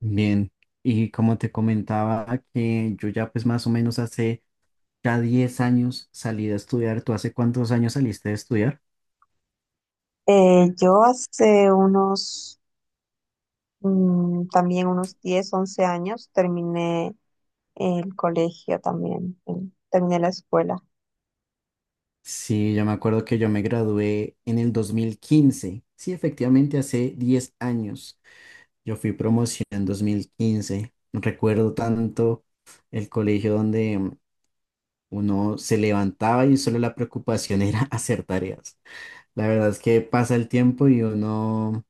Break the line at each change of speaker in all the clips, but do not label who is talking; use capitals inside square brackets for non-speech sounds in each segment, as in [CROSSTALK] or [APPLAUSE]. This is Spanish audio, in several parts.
Bien, y como te comentaba que yo ya pues más o menos hace ya 10 años salí de estudiar. ¿Tú hace cuántos años saliste de estudiar?
Yo hace también unos 10 u 11 años terminé el colegio también, terminé la escuela.
Sí, yo me acuerdo que yo me gradué en el 2015. Sí, efectivamente, hace 10 años. Yo fui promoción en 2015. Recuerdo tanto el colegio donde uno se levantaba y solo la preocupación era [LAUGHS] hacer tareas. La verdad es que pasa el tiempo y uno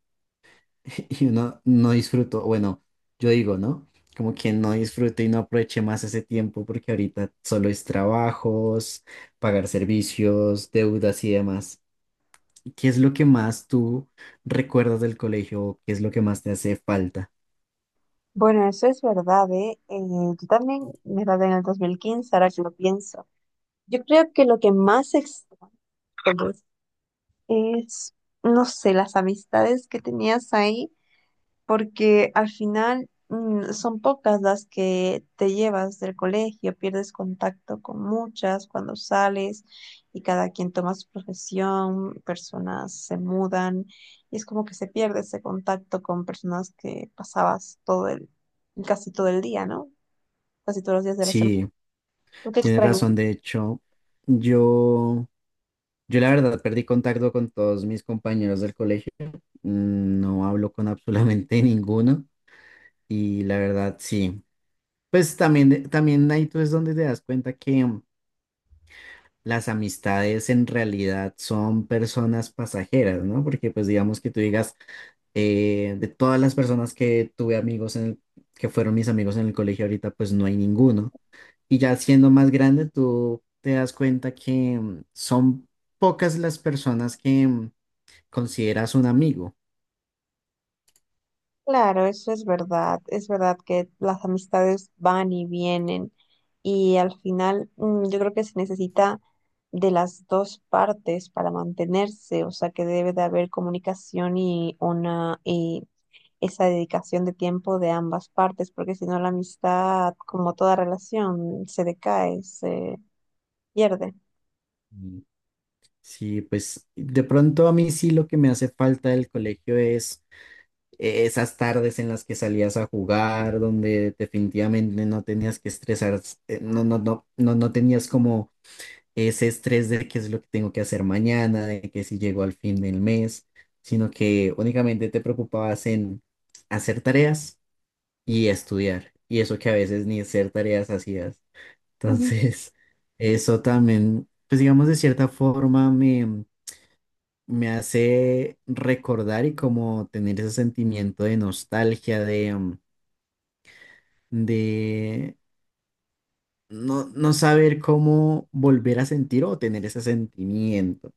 [LAUGHS] y uno no disfrutó, bueno, yo digo, ¿no? Como que no disfrute y no aproveche más ese tiempo porque ahorita solo es trabajos, pagar servicios, deudas y demás. ¿Qué es lo que más tú recuerdas del colegio, o qué es lo que más te hace falta?
Bueno, eso es verdad, ¿eh? Yo también me gradué en el 2015 ahora que lo pienso. Yo creo que lo que más extraño es, no sé, las amistades que tenías ahí porque al final son pocas las que te llevas del colegio, pierdes contacto con muchas cuando sales y cada quien toma su profesión, personas se mudan y es como que se pierde ese contacto con personas que pasabas casi todo el día, ¿no? Casi todos los días de la semana.
Sí,
¿Tú qué
tienes
extrañas?
razón. De hecho, yo, yo la verdad perdí contacto con todos mis compañeros del colegio. No hablo con absolutamente [LAUGHS] ninguno. Y la verdad, sí. Pues también ahí tú es donde te das cuenta que las amistades en realidad son personas pasajeras, ¿no? Porque pues digamos que tú digas, de todas las personas que tuve que fueron mis amigos en el colegio ahorita, pues no hay ninguno. Y ya siendo más grande, tú te das cuenta que son pocas las personas que consideras un amigo.
Claro, eso es verdad. Es verdad que las amistades van y vienen y al final yo creo que se necesita de las dos partes para mantenerse, o sea que debe de haber comunicación y esa dedicación de tiempo de ambas partes, porque si no la amistad, como toda relación, se decae, se pierde.
Mm. Sí, pues de pronto a mí sí lo que me hace falta del colegio es esas tardes en las que salías a jugar, donde definitivamente no tenías que estresar, no, no, no, no, no tenías como ese estrés de qué es lo que tengo que hacer mañana, de que si llego al fin del mes, sino que únicamente te preocupabas en hacer tareas y estudiar, y eso que a veces ni hacer tareas hacías. Entonces, [LAUGHS] eso también, pues digamos de cierta forma me hace recordar y como tener ese sentimiento de nostalgia, de no, no saber cómo volver a sentir o tener ese sentimiento.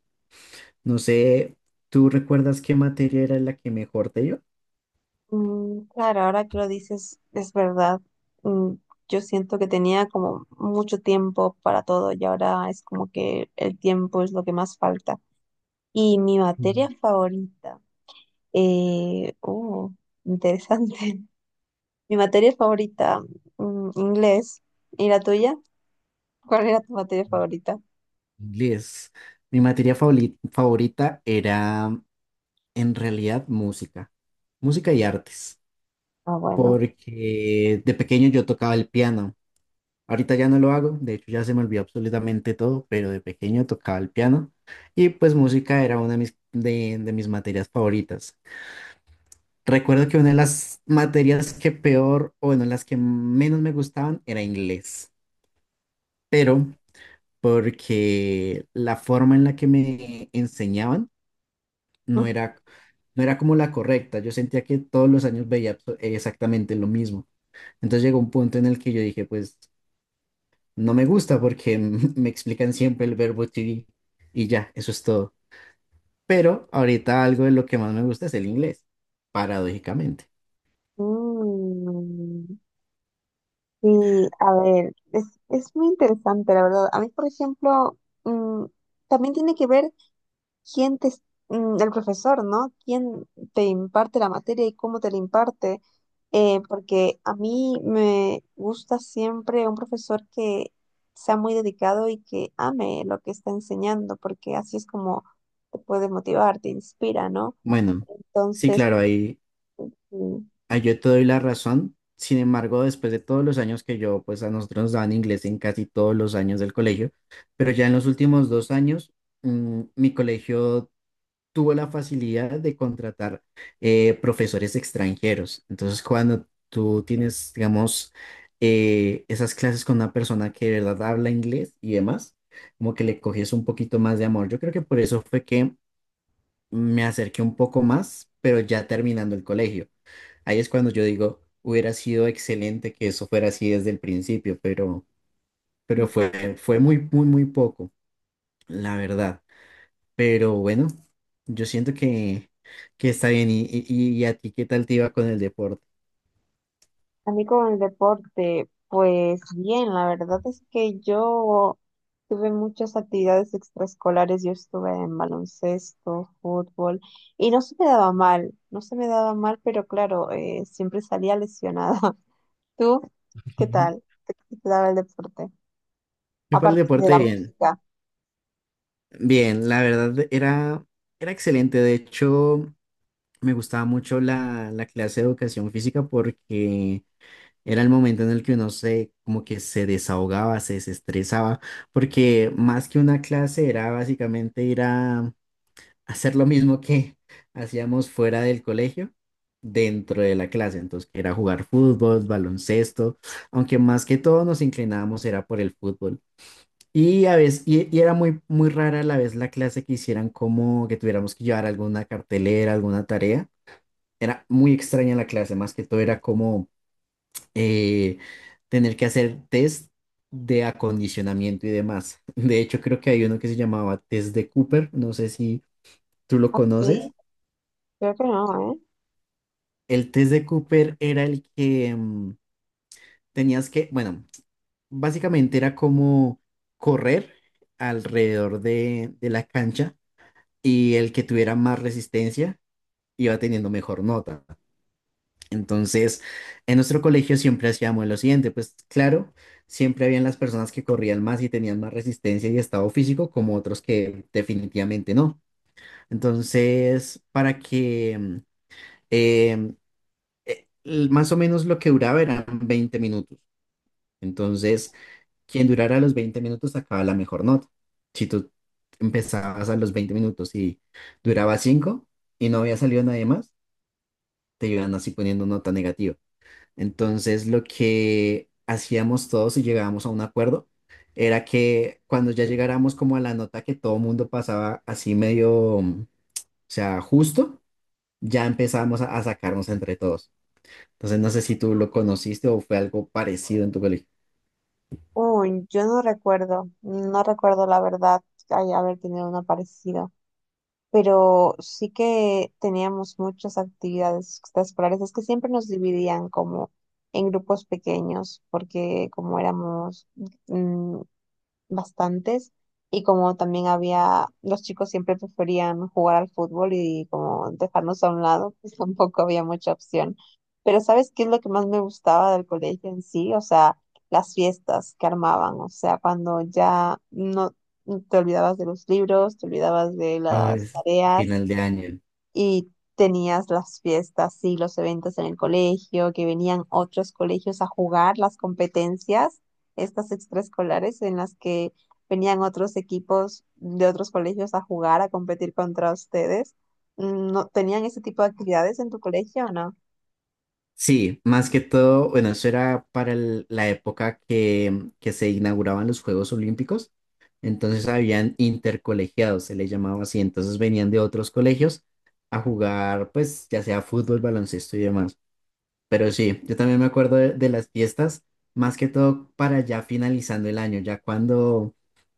No sé, ¿tú recuerdas qué materia era la que mejor te iba?
Claro, ahora que lo dices, es verdad. Mm, Yo siento que tenía como mucho tiempo para todo y ahora es como que el tiempo es lo que más falta. Y mi materia
Mm.
favorita, oh, interesante. [LAUGHS] Mi materia favorita, inglés. ¿Y la tuya? ¿Cuál era tu materia favorita?
Inglés. Mi favorita era en realidad música, música y artes,
Ah, bueno.
porque de pequeño yo tocaba el piano. Ahorita ya no lo hago, de hecho ya se me olvidó absolutamente todo, pero de pequeño tocaba el piano y pues música era una de mis materias favoritas. Recuerdo que una de las materias que peor, o bueno, las que menos me gustaban era inglés, pero porque la forma en la que me enseñaban no
[LAUGHS]
era, no era como la correcta. Yo sentía que todos los años veía exactamente lo mismo. Entonces llegó un punto en el que yo dije, pues no me gusta porque [LAUGHS] me explican siempre el verbo to be y ya, eso es todo. Pero ahorita algo de lo que más me gusta es el inglés, paradójicamente.
Mm, Sí, a ver, es muy interesante, la verdad. A mí, por ejemplo, mm, también tiene que ver. Quién te, es- mm, El profesor, ¿no? ¿Quién te imparte la materia y cómo te la imparte? Porque a mí me gusta siempre un profesor que sea muy dedicado y que ame lo que está enseñando, porque así es como te puede motivar, te inspira, ¿no?
Bueno, sí,
Entonces,
claro, ahí,
mm,
ahí yo te doy la razón. Sin embargo, después de todos los años que yo, pues a nosotros nos daban inglés en casi todos los años del colegio, pero ya en los últimos 2 años, mi colegio tuvo la facilidad de contratar profesores extranjeros. Entonces, cuando tú tienes, digamos, esas clases con una persona que de verdad habla inglés y demás, como que le coges un poquito más de amor. Yo creo que por eso fue que me acerqué un poco más, pero ya terminando el colegio. Ahí es cuando yo digo, hubiera sido excelente que eso fuera así desde el principio, pero fue muy, muy, muy poco, la verdad. Pero bueno, yo siento que está bien. ¿Y a ti qué tal te iba con el deporte?
A mí con el deporte, pues bien, la verdad es que yo tuve muchas actividades extraescolares, yo estuve en baloncesto, fútbol, y no se me daba mal, no se me daba mal, pero claro, siempre salía lesionada. [LAUGHS] ¿Tú qué tal?
[LAUGHS]
Qué te daba el deporte?
Yo para el
Aparte de
deporte
la
bien.
música,
Bien, la verdad era excelente. De hecho, me gustaba mucho la clase de educación física porque era el momento en el que uno se, como que se desahogaba, se desestresaba, porque más que una clase era básicamente ir a, hacer lo mismo que [LAUGHS] hacíamos fuera del colegio, dentro de la clase. Entonces, que era jugar fútbol, baloncesto, aunque más que todo nos inclinábamos era por el fútbol. Y a veces, y era muy, muy rara a la vez la clase que hicieran como que tuviéramos que llevar alguna cartelera, alguna tarea. Era muy extraña la clase, más que todo era como eh, tener que hacer test de acondicionamiento y demás. [LAUGHS] De hecho, creo que hay uno que se llamaba test de Cooper, no sé si tú lo conoces.
¿sí? Creo que no, ¿eh?
El test de Cooper era el que tenías que, bueno, básicamente era como correr alrededor de la cancha y el que tuviera más resistencia iba teniendo mejor nota. Entonces, en nuestro colegio siempre hacíamos lo siguiente, pues claro, siempre habían las personas que corrían más y tenían más resistencia y estado físico, como otros que definitivamente no. Entonces, para que em, más o menos lo que duraba eran 20 minutos. Entonces, quien durara los 20 minutos sacaba la mejor nota. Si tú empezabas a los 20 minutos y duraba 5 y no había salido nadie más, te iban así poniendo nota negativa. Entonces, lo que hacíamos todos y llegábamos a un acuerdo era que cuando ya llegáramos como a la nota que todo mundo pasaba así medio, o sea, justo, ya empezábamos a sacarnos entre todos. Entonces, no sé si tú lo conociste o fue algo parecido en tu colegio.
Uy, yo no recuerdo, no recuerdo la verdad, ay, haber tenido una parecida. Pero sí que teníamos muchas actividades extraescolares. Es que siempre nos dividían como en grupos pequeños, porque como éramos mm, bastantes y como también había, los chicos siempre preferían jugar al fútbol y como dejarnos a un lado, pues [LAUGHS] tampoco había mucha opción. Pero ¿sabes qué es lo que más me gustaba del colegio en sí? O sea, las fiestas que armaban, o sea, cuando ya no te olvidabas de los libros, te olvidabas de
Ah,
las
es
tareas
final de año.
y tenías las fiestas y los eventos en el colegio, que venían otros colegios a jugar las competencias, estas extraescolares en las que venían otros equipos de otros colegios a jugar, a competir contra ustedes. ¿No tenían ese tipo de actividades en tu colegio o no?
Sí, más que todo, bueno, eso era para la época que se inauguraban los Juegos Olímpicos. Entonces habían intercolegiados, se les llamaba así. Entonces venían de otros colegios a jugar, pues, ya sea fútbol, baloncesto y demás. Pero sí, yo también me acuerdo de las fiestas, más que todo para ya finalizando el año, ya cuando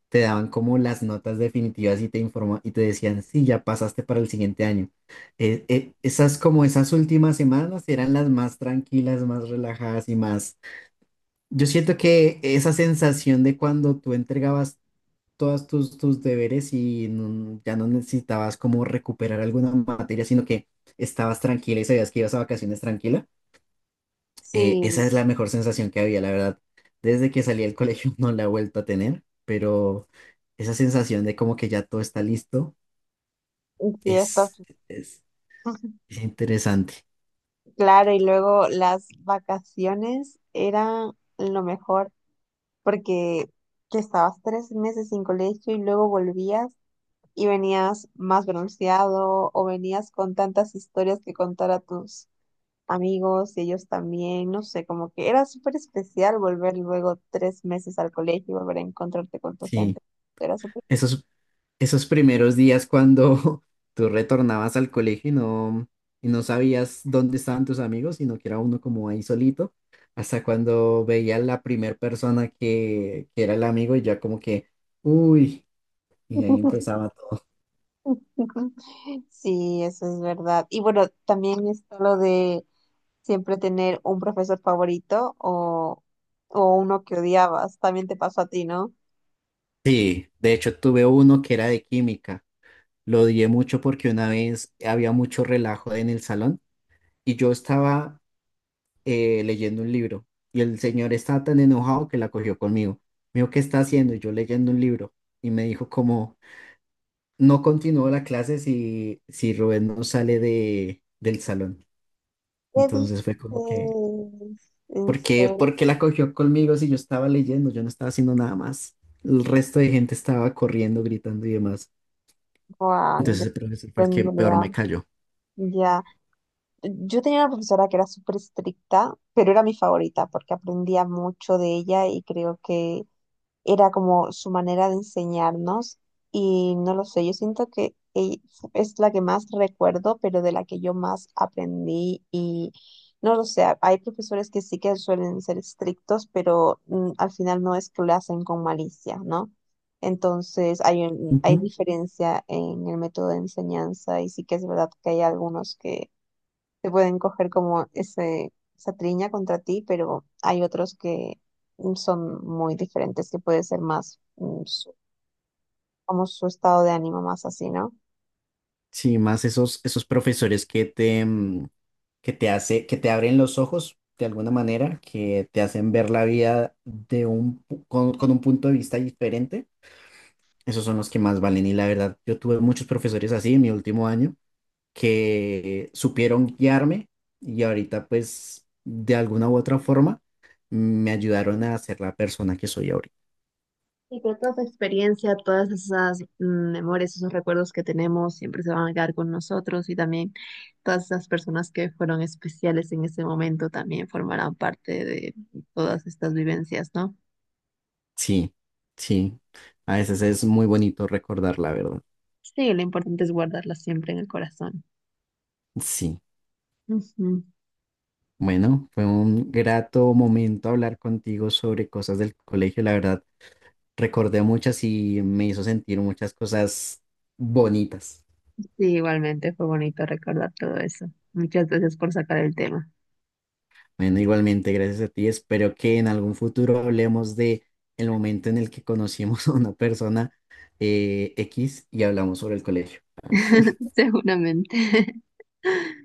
te daban como las notas definitivas y te informa y te decían, sí, ya pasaste para el siguiente año. Esas como esas últimas semanas eran las más tranquilas, más relajadas y más. Yo siento que esa sensación de cuando tú entregabas todos tus deberes y ya no necesitabas como recuperar alguna materia, sino que estabas tranquila y sabías que ibas a vacaciones tranquila. Eh,
Sí,
esa es la mejor sensación que había, la verdad. Desde que salí del colegio [LAUGHS] no la he vuelto a tener, pero esa sensación de como que ya todo está listo
y fiestas.
es, es,
[LAUGHS]
es interesante.
Claro, y luego las vacaciones eran lo mejor porque que estabas 3 meses sin colegio y luego volvías y venías más bronceado o venías con tantas historias que contar a tus amigos y ellos también, no sé, como que era súper especial volver luego 3 meses al colegio y volver a encontrarte con tu gente.
Sí,
Era súper...
esos, esos primeros días cuando [LAUGHS] tú retornabas al colegio y no sabías dónde estaban tus amigos, sino que era uno como ahí solito, hasta cuando veía la primera persona que era el amigo y ya como que, uy, y ahí
[LAUGHS]
empezaba todo.
Sí, eso es verdad. Y bueno, también está lo de siempre tener un profesor favorito o uno que odiabas. También te pasó a ti, ¿no?
Sí, de hecho tuve uno que era de química. Lo odié mucho porque una vez había mucho relajo en el salón y yo estaba leyendo un libro y el señor estaba tan enojado que la cogió conmigo. Me dijo, ¿qué está haciendo? Y yo leyendo un libro y me dijo como, no continúo la clase si Rubén no sale del salón.
¿Qué dices?
Entonces fue como que,
En
¿por qué,
serio,
por qué la cogió conmigo si yo estaba leyendo? Yo no estaba haciendo nada más. El resto de gente estaba corriendo, gritando y demás.
Juan, yo
Entonces
no
ese profesor fue el que peor me
tengo
cayó.
idea. Ya, yo tenía una profesora que era súper estricta, pero era mi favorita porque aprendía mucho de ella y creo que era como su manera de enseñarnos y no lo sé, yo siento que es la que más recuerdo, pero de la que yo más aprendí y no lo sé, hay profesores que sí que suelen ser estrictos, pero al final no es que lo hacen con malicia, ¿no? Entonces hay
Ujú.
diferencia en el método de enseñanza y sí que es verdad que hay algunos que te pueden coger como esa triña contra ti, pero hay otros que son muy diferentes, que puede ser más como su estado de ánimo más así, ¿no?
Sí, más esos profesores que te abren los ojos de alguna manera, que te hacen ver la vida de un, pu- con un punto de vista diferente. Esos son los que más valen. Y la verdad, yo tuve muchos profesores así en mi último año que supieron guiarme y ahorita pues de alguna u otra forma me ayudaron a ser la persona que soy ahorita.
Sí, pero toda esa experiencia, todas esas memorias, esos recuerdos que tenemos siempre se van a quedar con nosotros y también todas esas personas que fueron especiales en ese momento también formarán parte de todas estas vivencias, ¿no?
Sí, sí. A veces es muy bonito recordar la verdad.
Sí, lo importante es guardarlas siempre en el corazón.
Sí,
Ujú.
bueno, fue un grato momento hablar contigo sobre cosas del colegio. La verdad, recordé muchas y me hizo sentir muchas cosas bonitas.
Sí, igualmente fue bonito recordar todo eso. Muchas gracias por sacar el tema.
Bueno, igualmente, gracias a ti. Espero que en algún futuro hablemos de el momento en el que conocimos [LAUGHS] a una persona X y hablamos sobre el colegio.
[LAUGHS] Seguramente.